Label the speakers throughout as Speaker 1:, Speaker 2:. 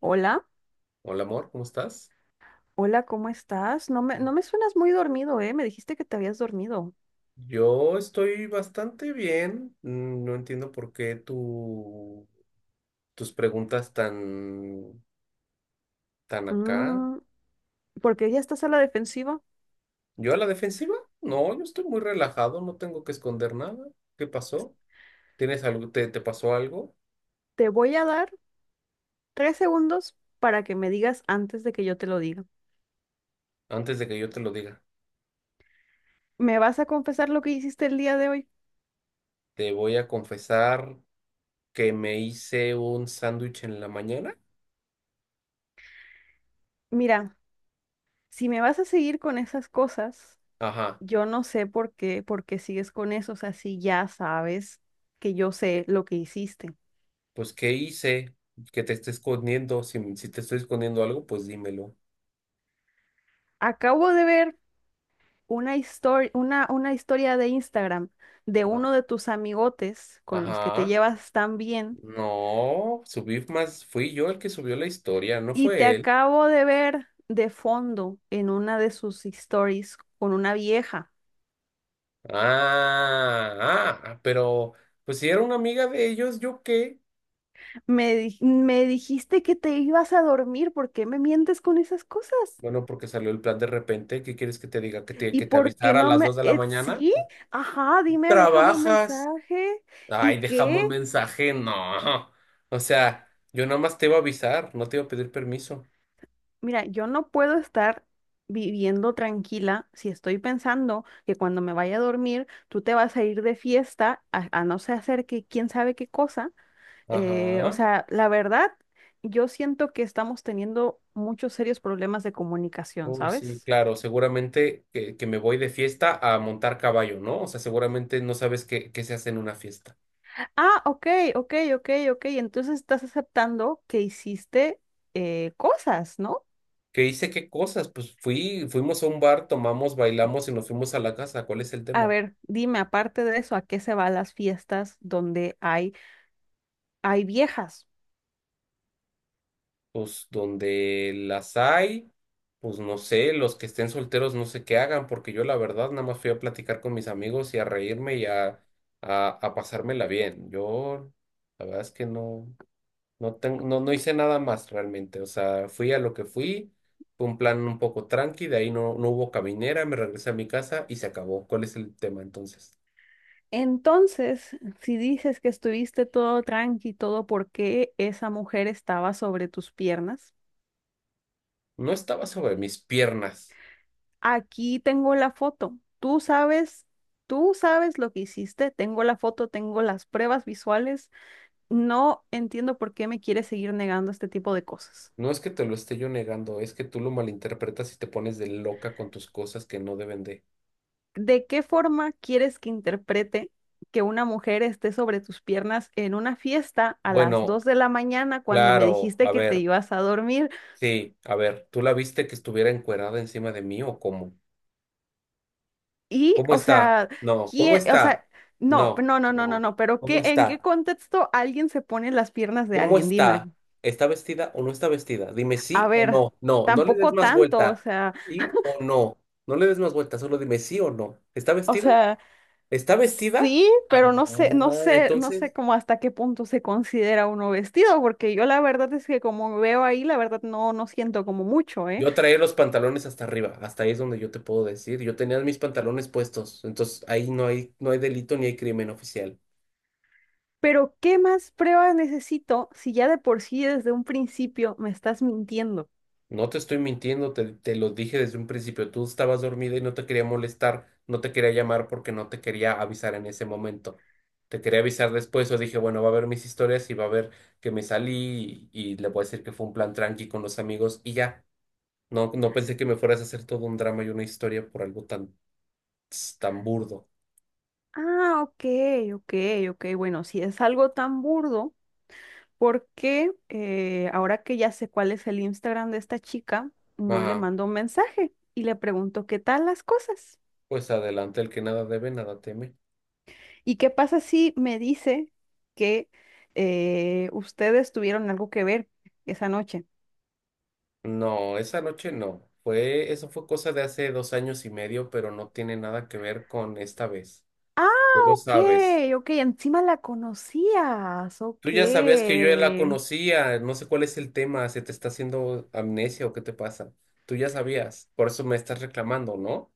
Speaker 1: Hola,
Speaker 2: Hola amor, ¿cómo estás?
Speaker 1: hola, ¿cómo estás? No me suenas muy dormido, ¿eh? Me dijiste que te habías dormido.
Speaker 2: Yo estoy bastante bien. No entiendo por qué tus preguntas tan acá.
Speaker 1: Mm, Porque ya estás a la defensiva.
Speaker 2: ¿Yo a la defensiva? No, yo estoy muy relajado, no tengo que esconder nada. ¿Qué pasó? ¿Tienes algo, te pasó algo?
Speaker 1: Te voy a dar 3 segundos para que me digas antes de que yo te lo diga.
Speaker 2: Antes de que yo te lo diga,
Speaker 1: ¿Me vas a confesar lo que hiciste el día de hoy?
Speaker 2: te voy a confesar que me hice un sándwich en la mañana.
Speaker 1: Mira, si me vas a seguir con esas cosas,
Speaker 2: Ajá,
Speaker 1: yo no sé por qué sigues con eso. O sea, si ya sabes que yo sé lo que hiciste.
Speaker 2: pues ¿qué hice? Que te esté escondiendo. Si te estoy escondiendo algo, pues dímelo.
Speaker 1: Acabo de ver una historia de Instagram de
Speaker 2: Ah,
Speaker 1: uno de tus amigotes con los que te
Speaker 2: ajá.
Speaker 1: llevas tan bien,
Speaker 2: No, subí más, fui yo el que subió la historia, no
Speaker 1: y te
Speaker 2: fue él.
Speaker 1: acabo de ver de fondo en una de sus stories con una vieja.
Speaker 2: Pero pues si era una amiga de ellos, ¿yo qué?
Speaker 1: Me dijiste que te ibas a dormir. ¿Por qué me mientes con esas cosas?
Speaker 2: Bueno, porque salió el plan de repente, ¿qué quieres que te diga? ¿Que
Speaker 1: ¿Y
Speaker 2: que te
Speaker 1: por qué
Speaker 2: avisara a
Speaker 1: no
Speaker 2: las
Speaker 1: me...
Speaker 2: 2 de la mañana?
Speaker 1: Sí, ajá, dime, déjame un
Speaker 2: ¿Trabajas?
Speaker 1: mensaje. ¿Y
Speaker 2: Ay, dejamos
Speaker 1: qué?
Speaker 2: mensaje, no. O sea, yo nada más te iba a avisar, no te iba a pedir permiso.
Speaker 1: Mira, yo no puedo estar viviendo tranquila si estoy pensando que cuando me vaya a dormir tú te vas a ir de fiesta a no sé hacer que quién sabe qué cosa. Eh, o
Speaker 2: Ajá.
Speaker 1: sea, la verdad, yo siento que estamos teniendo muchos serios problemas de comunicación,
Speaker 2: Uy, sí,
Speaker 1: ¿sabes?
Speaker 2: claro, seguramente que me voy de fiesta a montar caballo, ¿no? O sea, seguramente no sabes qué se hace en una fiesta.
Speaker 1: Ah, ok, ok, ok, ok. Entonces estás aceptando que hiciste, cosas, ¿no?
Speaker 2: Que hice qué cosas, pues fuimos a un bar, tomamos, bailamos y nos fuimos a la casa. ¿Cuál es el
Speaker 1: A
Speaker 2: tema?
Speaker 1: ver, dime, aparte de eso, ¿a qué se van las fiestas donde hay viejas?
Speaker 2: Pues donde las hay, pues no sé, los que estén solteros no sé qué hagan, porque yo la verdad nada más fui a platicar con mis amigos y a reírme a pasármela bien. Yo la verdad es que no tengo, no hice nada más realmente. O sea, fui a lo que fui. Fue un plan un poco tranqui, de ahí no hubo caminera, me regresé a mi casa y se acabó. ¿Cuál es el tema entonces?
Speaker 1: Entonces, si dices que estuviste todo tranqui, todo porque esa mujer estaba sobre tus piernas,
Speaker 2: No estaba sobre mis piernas.
Speaker 1: aquí tengo la foto. Tú sabes lo que hiciste. Tengo la foto, tengo las pruebas visuales. No entiendo por qué me quieres seguir negando este tipo de cosas.
Speaker 2: No es que te lo esté yo negando, es que tú lo malinterpretas y te pones de loca con tus cosas que no deben de.
Speaker 1: ¿De qué forma quieres que interprete que una mujer esté sobre tus piernas en una fiesta a las
Speaker 2: Bueno,
Speaker 1: 2 de la mañana cuando me
Speaker 2: claro,
Speaker 1: dijiste
Speaker 2: a
Speaker 1: que te
Speaker 2: ver,
Speaker 1: ibas a dormir?
Speaker 2: sí, a ver, ¿tú la viste que estuviera encuerada encima de mí o cómo?
Speaker 1: Y,
Speaker 2: ¿Cómo
Speaker 1: o
Speaker 2: está?
Speaker 1: sea,
Speaker 2: No, ¿cómo
Speaker 1: o
Speaker 2: está?
Speaker 1: sea, no,
Speaker 2: No,
Speaker 1: no, no, no, no,
Speaker 2: no,
Speaker 1: no, pero
Speaker 2: ¿cómo
Speaker 1: ¿en qué
Speaker 2: está?
Speaker 1: contexto alguien se pone en las piernas de
Speaker 2: ¿Cómo
Speaker 1: alguien? Dime,
Speaker 2: está? ¿Está vestida o no está vestida? Dime
Speaker 1: a
Speaker 2: sí o
Speaker 1: ver,
Speaker 2: no. No, no le des
Speaker 1: tampoco
Speaker 2: más
Speaker 1: tanto, o
Speaker 2: vuelta.
Speaker 1: sea,
Speaker 2: ¿Sí o no? No le des más vuelta, solo dime sí o no. ¿Está
Speaker 1: o
Speaker 2: vestida?
Speaker 1: sea,
Speaker 2: Está vestida.
Speaker 1: sí,
Speaker 2: Ah,
Speaker 1: pero no sé
Speaker 2: entonces
Speaker 1: cómo hasta qué punto se considera uno vestido, porque yo la verdad es que como veo ahí, la verdad no, no siento como mucho, ¿eh?
Speaker 2: yo traía los pantalones hasta arriba. Hasta ahí es donde yo te puedo decir. Yo tenía mis pantalones puestos. Entonces ahí no hay, no hay delito ni hay crimen oficial.
Speaker 1: Pero ¿qué más pruebas necesito si ya de por sí desde un principio me estás mintiendo?
Speaker 2: No te estoy mintiendo, te lo dije desde un principio. Tú estabas dormida y no te quería molestar, no te quería llamar porque no te quería avisar en ese momento. Te quería avisar después o dije, bueno, va a ver mis historias y va a ver que me salí y le voy a decir que fue un plan tranqui con los amigos y ya. No, no pensé que me fueras a hacer todo un drama y una historia por algo tan tan burdo.
Speaker 1: Ah, ok, ok, ok, bueno, si es algo tan burdo. Porque ahora que ya sé cuál es el Instagram de esta chica, no le
Speaker 2: Ajá.
Speaker 1: mando un mensaje y le pregunto qué tal las cosas.
Speaker 2: Pues adelante, el que nada debe, nada teme.
Speaker 1: ¿Y qué pasa si me dice que, ustedes tuvieron algo que ver esa noche?
Speaker 2: No, esa noche no. Fue, eso fue cosa de hace 2 años y medio, pero no tiene nada que ver con esta vez.
Speaker 1: Ah,
Speaker 2: Tú lo
Speaker 1: ok,
Speaker 2: sabes.
Speaker 1: ok, encima la conocías,
Speaker 2: Tú
Speaker 1: ok.
Speaker 2: ya sabías que yo ya la conocía. No sé cuál es el tema. ¿Se te está haciendo amnesia o qué te pasa? Tú ya sabías. Por eso me estás reclamando, ¿no?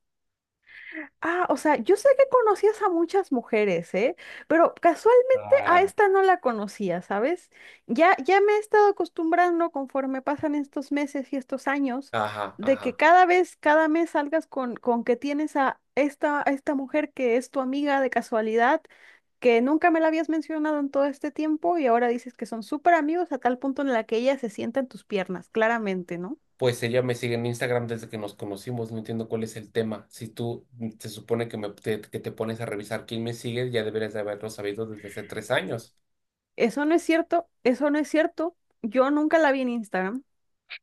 Speaker 1: Ah, o sea, yo sé que conocías a muchas mujeres, ¿eh? Pero casualmente a
Speaker 2: Ah,
Speaker 1: esta no la conocía, ¿sabes? Ya, ya me he estado acostumbrando conforme pasan estos meses y estos años,
Speaker 2: ajá,
Speaker 1: de que
Speaker 2: ajá.
Speaker 1: cada vez, cada mes salgas con que tienes a esta, mujer que es tu amiga de casualidad, que nunca me la habías mencionado en todo este tiempo y ahora dices que son súper amigos a tal punto en la que ella se sienta en tus piernas, claramente, ¿no?
Speaker 2: Pues ella me sigue en Instagram desde que nos conocimos, no entiendo cuál es el tema. Si tú se supone que, que te pones a revisar quién me sigue, ya deberías de haberlo sabido desde hace 3 años.
Speaker 1: Eso no es cierto, eso no es cierto. Yo nunca la vi en Instagram.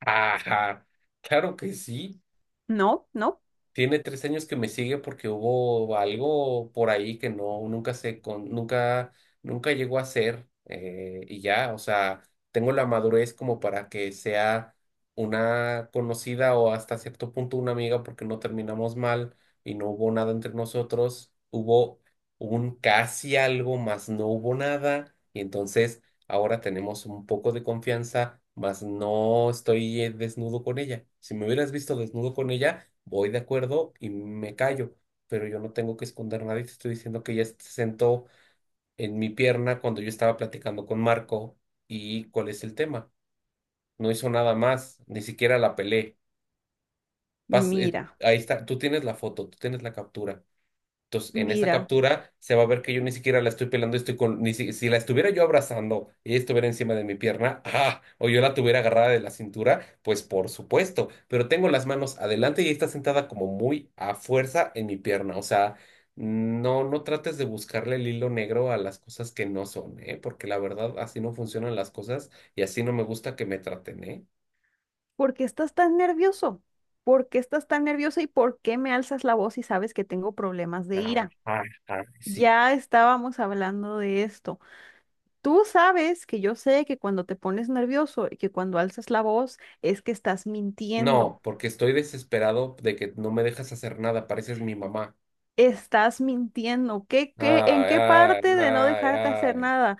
Speaker 2: Ajá, claro que sí.
Speaker 1: No, no.
Speaker 2: Tiene 3 años que me sigue porque hubo algo por ahí que no, nunca se con, nunca, nunca llegó a ser. Y ya, o sea, tengo la madurez como para que sea una conocida o hasta cierto punto una amiga porque no terminamos mal y no hubo nada entre nosotros. Hubo un casi algo, más no hubo nada. Y entonces ahora tenemos un poco de confianza, más no estoy desnudo con ella. Si me hubieras visto desnudo con ella voy de acuerdo y me callo, pero yo no tengo que esconder nada y te estoy diciendo que ella se sentó en mi pierna cuando yo estaba platicando con Marco y cuál es el tema. No hizo nada más, ni siquiera la pelé.
Speaker 1: Mira,
Speaker 2: Ahí está, tú tienes la foto, tú tienes la captura. Entonces, en esa
Speaker 1: mira,
Speaker 2: captura se va a ver que yo ni siquiera la estoy pelando, estoy con, ni si, si la estuviera yo abrazando y ella estuviera encima de mi pierna, ¡ah! O yo la tuviera agarrada de la cintura, pues por supuesto, pero tengo las manos adelante y ella está sentada como muy a fuerza en mi pierna, o sea, no trates de buscarle el hilo negro a las cosas que no son, ¿eh? Porque la verdad, así no funcionan las cosas y así no me gusta que me traten, ¿eh?
Speaker 1: ¿por qué estás tan nervioso? ¿Por qué estás tan nerviosa y por qué me alzas la voz si sabes que tengo problemas de
Speaker 2: Ah,
Speaker 1: ira?
Speaker 2: sí.
Speaker 1: Ya estábamos hablando de esto. Tú sabes que yo sé que cuando te pones nervioso y que cuando alzas la voz es que estás mintiendo.
Speaker 2: No, porque estoy desesperado de que no me dejas hacer nada, pareces mi mamá.
Speaker 1: Estás mintiendo. ¿En
Speaker 2: Ay,
Speaker 1: qué
Speaker 2: ay,
Speaker 1: parte de no
Speaker 2: ay,
Speaker 1: dejarte hacer
Speaker 2: ay.
Speaker 1: nada?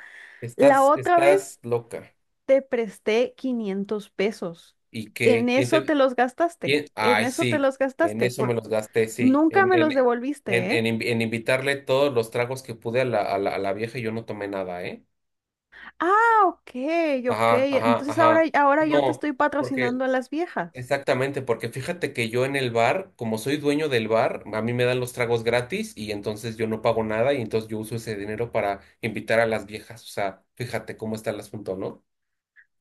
Speaker 1: La
Speaker 2: Estás,
Speaker 1: otra
Speaker 2: estás
Speaker 1: vez
Speaker 2: loca.
Speaker 1: te presté 500 pesos.
Speaker 2: ¿Y qué?
Speaker 1: En eso te los gastaste.
Speaker 2: ¿Quién?
Speaker 1: En
Speaker 2: Ay,
Speaker 1: eso te
Speaker 2: sí,
Speaker 1: los
Speaker 2: en
Speaker 1: gastaste.
Speaker 2: eso me los gasté, sí.
Speaker 1: Nunca me los devolviste, ¿eh?
Speaker 2: En invitarle todos los tragos que pude a a la vieja y yo no tomé nada, ¿eh?
Speaker 1: Ah, ok, ok.
Speaker 2: Ajá, ajá,
Speaker 1: Entonces ahora,
Speaker 2: ajá.
Speaker 1: ahora yo te
Speaker 2: No,
Speaker 1: estoy
Speaker 2: porque,
Speaker 1: patrocinando a las viejas.
Speaker 2: exactamente, porque fíjate que yo en el bar, como soy dueño del bar, a mí me dan los tragos gratis y entonces yo no pago nada y entonces yo uso ese dinero para invitar a las viejas. O sea, fíjate cómo está el asunto, ¿no?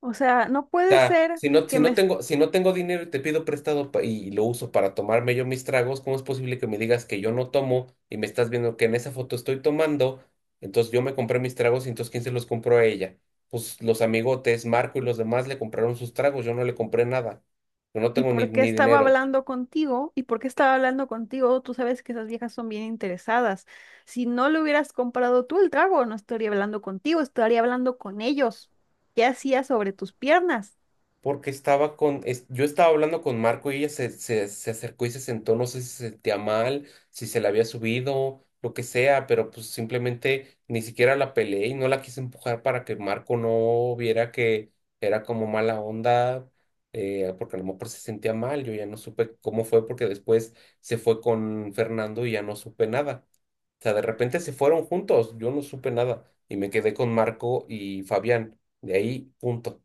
Speaker 1: O sea, no puede
Speaker 2: Sea,
Speaker 1: ser
Speaker 2: si no,
Speaker 1: que me... est-
Speaker 2: si no tengo dinero y te pido prestado pa- y lo uso para tomarme yo mis tragos, ¿cómo es posible que me digas que yo no tomo y me estás viendo que en esa foto estoy tomando? Entonces yo me compré mis tragos y entonces ¿quién se los compró a ella? Pues los amigotes, Marco y los demás le compraron sus tragos, yo no le compré nada. Yo no
Speaker 1: ¿Y
Speaker 2: tengo
Speaker 1: por qué
Speaker 2: ni
Speaker 1: estaba
Speaker 2: dinero.
Speaker 1: hablando contigo? ¿Y por qué estaba hablando contigo? Tú sabes que esas viejas son bien interesadas. Si no le hubieras comprado tú el trago, no estaría hablando contigo, estaría hablando con ellos. ¿Qué hacías sobre tus piernas?
Speaker 2: Porque yo estaba hablando con Marco y ella se acercó y se sentó, no sé si se sentía mal, si se la había subido, lo que sea, pero pues simplemente ni siquiera la peleé y no la quise empujar para que Marco no viera que era como mala onda, porque a lo mejor se sentía mal, yo ya no supe cómo fue porque después se fue con Fernando y ya no supe nada. O sea, de repente se fueron juntos, yo no supe nada y me quedé con Marco y Fabián, de ahí punto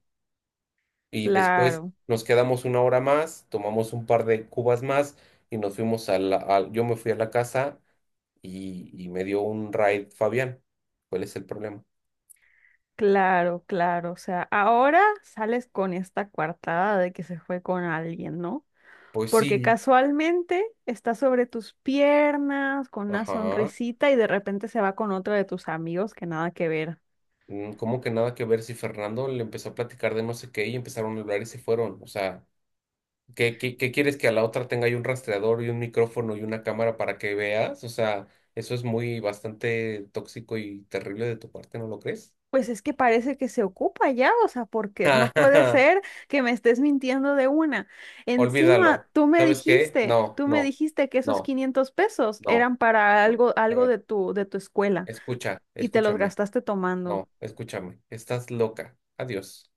Speaker 2: y después
Speaker 1: Claro,
Speaker 2: nos quedamos 1 hora más, tomamos un par de cubas más y nos fuimos a yo me fui a la casa y me dio un ride Fabián. ¿Cuál es el problema?
Speaker 1: claro, claro. O sea, ahora sales con esta coartada de que se fue con alguien, ¿no?
Speaker 2: Pues
Speaker 1: Porque
Speaker 2: sí,
Speaker 1: casualmente está sobre tus piernas con una
Speaker 2: ajá.
Speaker 1: sonrisita y de repente se va con otro de tus amigos que nada que ver.
Speaker 2: ¿Cómo que nada que ver si Fernando le empezó a platicar de no sé qué y empezaron a hablar y se fueron? O sea, ¿qué quieres que a la otra tenga ahí un rastreador y un micrófono y una cámara para que veas? O sea, eso es muy bastante tóxico y terrible de tu parte, ¿no lo crees?
Speaker 1: Pues es que parece que se ocupa ya, o sea, porque no puede ser que me estés mintiendo de una.
Speaker 2: Olvídalo.
Speaker 1: Encima, tú me
Speaker 2: ¿Sabes qué?
Speaker 1: dijiste,
Speaker 2: No,
Speaker 1: tú me
Speaker 2: no,
Speaker 1: dijiste que esos
Speaker 2: no,
Speaker 1: 500 pesos
Speaker 2: no,
Speaker 1: eran para
Speaker 2: no.
Speaker 1: algo,
Speaker 2: A
Speaker 1: algo
Speaker 2: ver,
Speaker 1: de tu, escuela
Speaker 2: escucha,
Speaker 1: y te los
Speaker 2: escúchame.
Speaker 1: gastaste tomando.
Speaker 2: No, escúchame. Estás loca. Adiós.